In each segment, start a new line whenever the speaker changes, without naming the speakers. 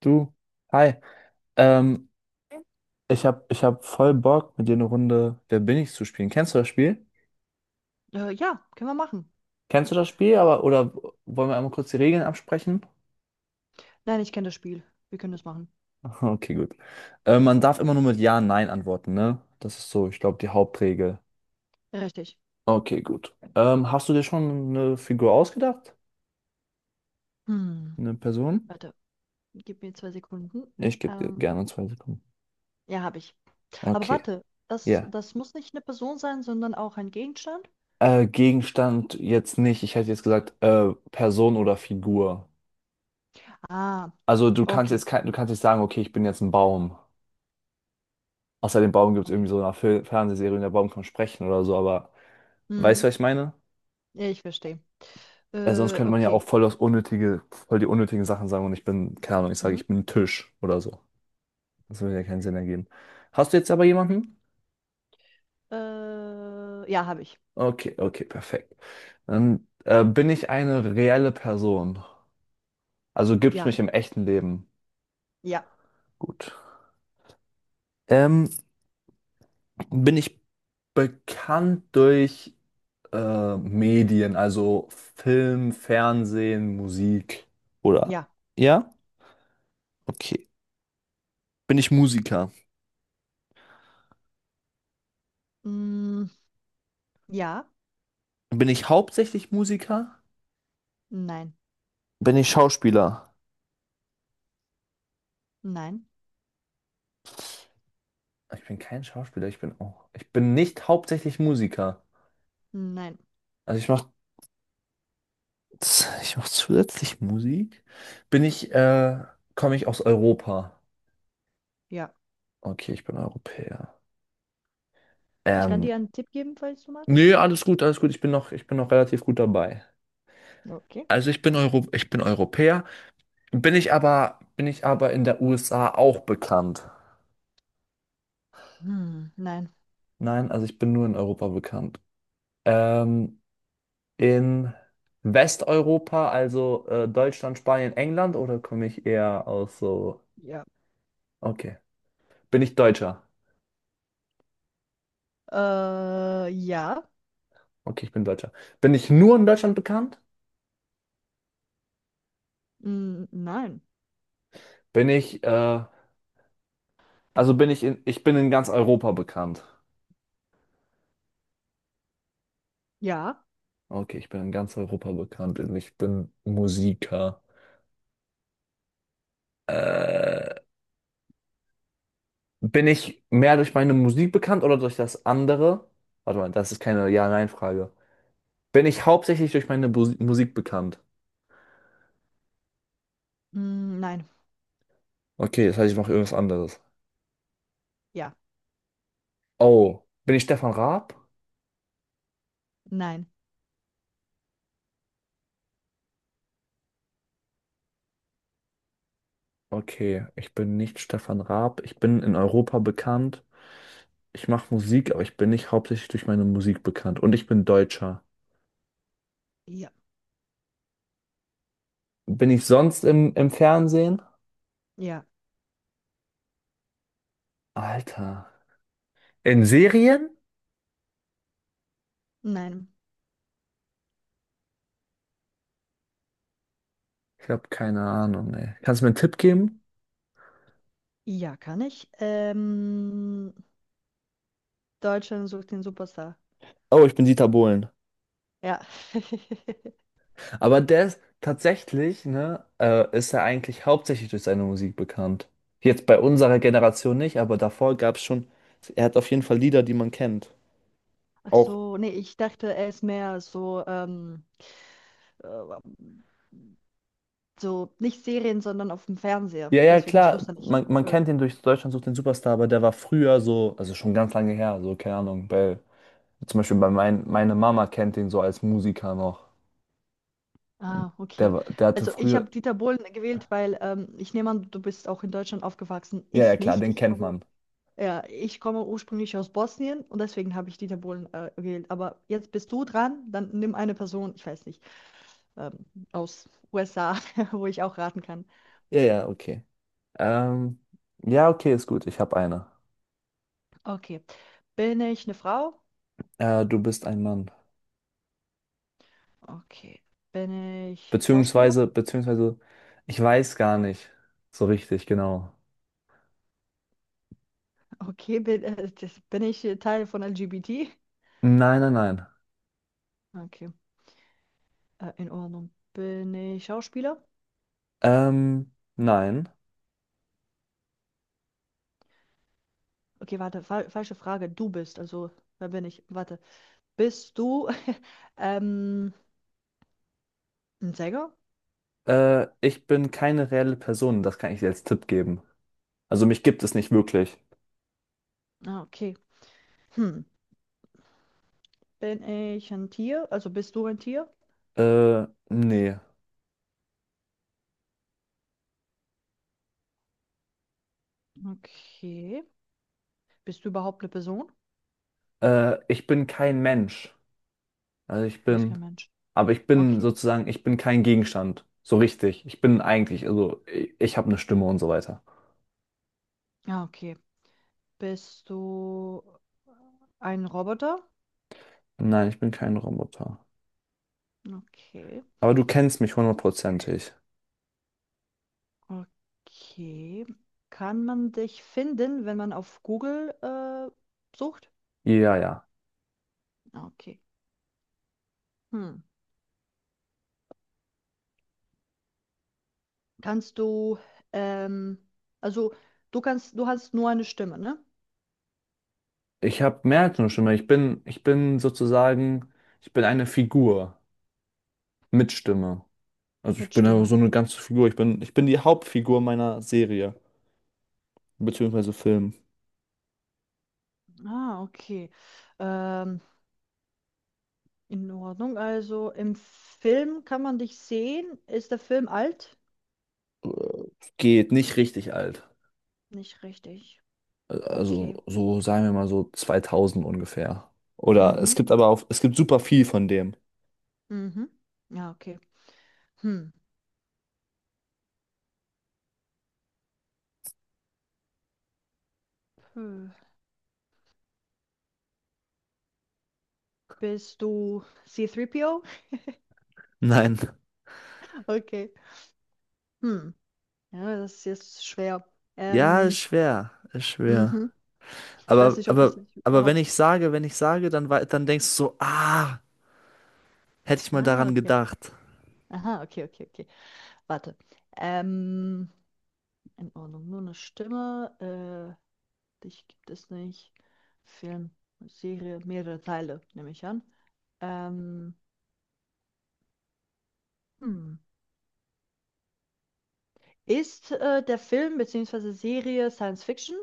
Du, hi. Ähm, ich hab voll Bock, mit dir eine Runde Wer bin ich zu spielen. Kennst du das Spiel?
Ja, können wir machen.
Kennst du das Spiel, aber oder wollen wir einmal kurz die Regeln absprechen?
Nein, ich kenne das Spiel. Wir können das machen.
Okay, gut. Man darf immer nur mit Ja, Nein antworten, ne? Das ist so, ich glaube, die Hauptregel.
Richtig.
Okay, gut. Hast du dir schon eine Figur ausgedacht?
Hm,
Eine Person?
Warte, gib mir 2 Sekunden.
Ich gebe dir
Ähm,
gerne zwei Sekunden.
ja, habe ich. Aber
Okay,
warte, das,
ja.
das muss nicht eine Person sein, sondern auch ein Gegenstand?
Gegenstand jetzt nicht. Ich hätte jetzt gesagt, Person oder Figur.
Ah,
Also
okay.
du kannst nicht sagen, okay, ich bin jetzt ein Baum. Außer dem Baum gibt es
Okay.
irgendwie so eine Fernsehserie, und der Baum kann sprechen oder so, aber weißt
Hm,
du, was ich meine?
ja, ich verstehe.
Weil sonst könnte man ja
Okay.
auch voll die unnötigen Sachen sagen und ich bin, keine Ahnung, ich sage,
Mhm.
ich bin ein Tisch oder so. Das würde ja keinen Sinn ergeben. Hast du jetzt aber jemanden?
Ja, habe ich.
Okay, okay, perfekt. Dann bin ich eine reelle Person. Also gibt's
Ja,
mich im echten Leben.
ja,
Gut. Ähm, bin ich bekannt durch Medien, also Film, Fernsehen, Musik. Oder?
ja.
Ja? Okay. Bin ich Musiker?
Hm, ja,
Bin ich hauptsächlich Musiker?
nein,
Bin ich Schauspieler?
nein,
Ich bin kein Schauspieler, ich bin auch. Ich bin nicht hauptsächlich Musiker.
nein,
Also ich mach zusätzlich Musik. Bin ich, äh, komme ich aus Europa?
ja.
Okay, ich bin Europäer.
Ich kann
Ähm,
dir einen Tipp geben, falls du magst.
nee, alles gut, alles gut. Ich bin noch relativ gut dabei.
Okay.
Ich bin Europäer. Bin ich aber in der USA auch bekannt?
Hm, nein.
Nein, also ich bin nur in Europa bekannt. Ähm, in Westeuropa, also Deutschland, Spanien, England, oder komme ich eher aus so...
Ja.
Okay. Bin ich Deutscher?
Ja.
Okay, ich bin Deutscher. Bin ich nur in Deutschland bekannt?
Mm, nein.
Bin ich, äh, bin ich ich bin in ganz Europa bekannt.
Ja.
Okay, ich bin in ganz Europa bekannt und ich bin Musiker. Äh, Bin ich mehr durch meine Musik bekannt oder durch das andere? Warte mal, das ist keine Ja-Nein-Frage. Bin ich hauptsächlich durch meine Bus Musik bekannt?
Mm, nein.
Okay, das heißt, ich mache irgendwas anderes.
Ja.
Oh, bin ich Stefan Raab?
Nein.
Okay, ich bin nicht Stefan Raab. Ich bin in Europa bekannt. Ich mache Musik, aber ich bin nicht hauptsächlich durch meine Musik bekannt. Und ich bin Deutscher.
Ja.
Bin ich sonst im Fernsehen?
Ja.
Alter. In Serien?
Nein.
Ich habe keine Ahnung, ey. Kannst du mir einen Tipp geben?
Ja, kann ich. Deutschland sucht den Superstar.
Oh, ich bin Dieter Bohlen.
Ja.
Aber der ist tatsächlich, ne, ist er eigentlich hauptsächlich durch seine Musik bekannt. Jetzt bei unserer Generation nicht, aber davor gab es schon, er hat auf jeden Fall Lieder, die man kennt.
Ach
Auch,
so, nee, ich dachte, er ist mehr so, äh, so nicht Serien, sondern auf dem Fernseher.
ja, ja,
Deswegen, ich
klar,
wusste nicht.
man kennt
Sorry.
ihn durch Deutschland sucht den Superstar, aber der war früher so, also schon ganz lange her, so, keine Ahnung, zum Beispiel bei meine Mama kennt ihn so als Musiker noch.
Ah,
Der,
okay.
war- der hatte
Also ich
früher,
habe Dieter Bohlen gewählt, weil ich nehme an, du bist auch in Deutschland aufgewachsen.
ja, ja,
Ich
klar,
nicht.
den
Ich
kennt
komme.
man.
Ja, ich komme ursprünglich aus Bosnien und deswegen habe ich Dieter Bohlen gewählt. Aber jetzt bist du dran, dann nimm eine Person, ich weiß nicht, ähm, aus USA, wo ich auch raten kann.
Ja, ja, okay. Ähm, ja, okay, ist gut, ich habe eine.
Okay. Bin ich eine Frau?
Du bist ein Mann.
Okay. Bin ich Schauspieler?
Beziehungsweise, beziehungsweise, ich weiß gar nicht so richtig genau.
Okay. Bin ich Teil von LGBT?
Nein, nein, nein.
Okay. In Ordnung. Bin ich Schauspieler?
Nein.
Okay, warte, fa falsche Frage. Du bist, also, wer bin ich? Warte. Bist du ähm, ein Sänger?
Ich bin keine reelle Person, das kann ich dir als Tipp geben. Also mich gibt es nicht wirklich.
Ah, okay. Hm. Bin ich ein Tier? Also Bist du ein Tier?
Nee.
Okay. Bist du überhaupt eine Person?
Ich bin kein Mensch. Also ich
Du bist
bin,
kein Mensch.
aber ich bin
Okay.
sozusagen, ich bin kein Gegenstand. So richtig. Ich bin eigentlich, also ich habe eine Stimme und so weiter.
Ja, okay. Bist du ein Roboter?
Nein, ich bin kein Roboter.
Okay.
Aber du kennst mich hundertprozentig.
Okay. Kann man dich finden, wenn man auf Google sucht?
Ja, ja.
Okay. Hm. Kannst du, ähm, also Du kannst, du hast nur eine Stimme, ne?
Ich habe mehr als eine Stimme. Ich bin sozusagen, ich bin eine Figur mit Stimme. Also ich
Mit
bin ja
Stimme.
so eine ganze Figur. Ich bin die Hauptfigur meiner Serie, beziehungsweise Film.
Ah, okay. Ähm, In Ordnung. Also im Film kann man dich sehen. Ist der Film alt?
Äh, Geht nicht richtig alt.
Nicht richtig. Okay.
Sagen wir mal so 2000 ungefähr. Oder
Mhm.
es gibt super viel von dem.
Mhm. Ja, okay. Hm. Puh. Bist du C3PO?
Nein.
Okay. Hm. Ja, das ist jetzt schwer.
Ja, ist
Ähm,
schwer, ist schwer.
mhm. Ich weiß
Aber,
nicht, ob ich
aber,
dich
aber wenn
überhaupt.
ich sage, wenn ich sage, dann, dann denkst du so, ah, hätte ich mal
Ah,
daran
okay.
gedacht.
Aha, okay, okay, okay. Warte. Ähm, in Ordnung. Nur eine Stimme. Äh, Dich gibt es nicht. Film, Serie, mehrere Teile, nehme ich an. Ähm, hm. Ist der Film bzw. Serie Science Fiction?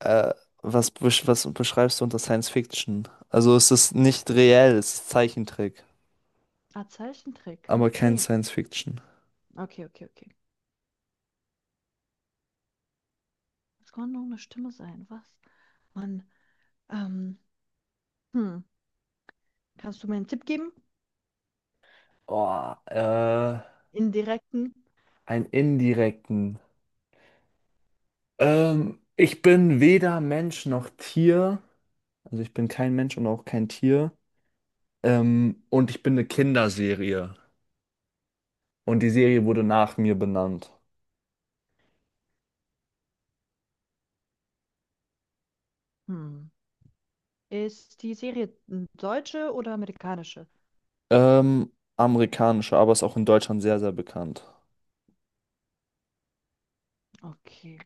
Äh, was beschreibst du unter Science Fiction? Also es ist nicht reell, es ist Zeichentrick,
Ah, Zeichentrick.
aber kein
Okay.
Science Fiction.
Okay, okay, okay. Das kann nur eine Stimme sein. Was? Mann. Ähm, hm. Kannst du mir einen Tipp geben?
Oh, äh,
Indirekten?
einen indirekten. Ich bin weder Mensch noch Tier. Also ich bin kein Mensch und auch kein Tier. Und ich bin eine Kinderserie. Und die Serie wurde nach mir benannt.
Hm. Ist die Serie deutsche oder amerikanische?
Ähm, amerikanische, aber ist auch in Deutschland sehr, sehr bekannt.
Okay.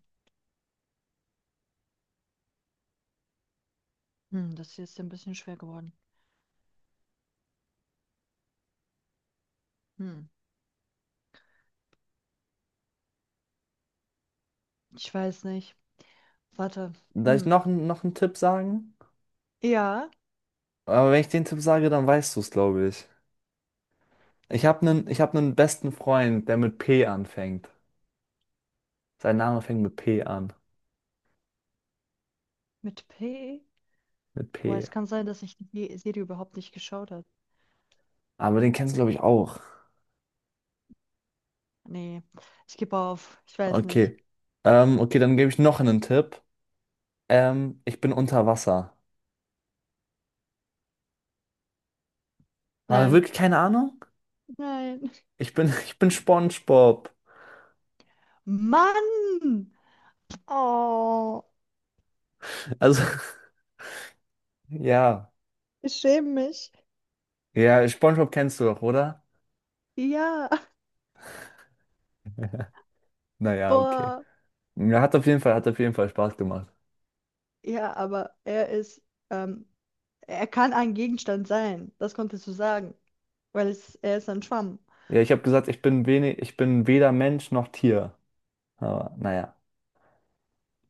Hm, das hier ist ja ein bisschen schwer geworden. Hm. Ich weiß nicht. Warte.
Darf ich
Hm.
noch einen Tipp sagen?
Ja.
Aber wenn ich den Tipp sage, dann weißt du es, glaube ich. Ich hab einen besten Freund, der mit P anfängt. Sein Name fängt mit P an.
Mit P?
Mit
Boah,
P.
es kann sein, dass ich die Serie überhaupt nicht geschaut habe.
Aber den kennst du, glaube ich, auch.
Nee, ich gebe auf. Ich weiß nicht.
Okay. Okay, dann gebe ich noch einen Tipp. Ich bin unter Wasser. Aber
Nein,
wirklich keine Ahnung?
nein.
Ich bin, ich bin SpongeBob.
Mann! Oh,
Also, ja.
ich schäme mich.
Ja, SpongeBob kennst du doch, oder?
Ja,
Naja, okay.
boah.
Ja, hat auf jeden Fall, hat auf jeden Fall Spaß gemacht.
Ja, aber er ist, ähm, er kann ein Gegenstand sein. Das konntest du sagen, weil es, er ist ein Schwamm.
Ja, ich habe gesagt, ich bin weder Mensch noch Tier. Aber naja.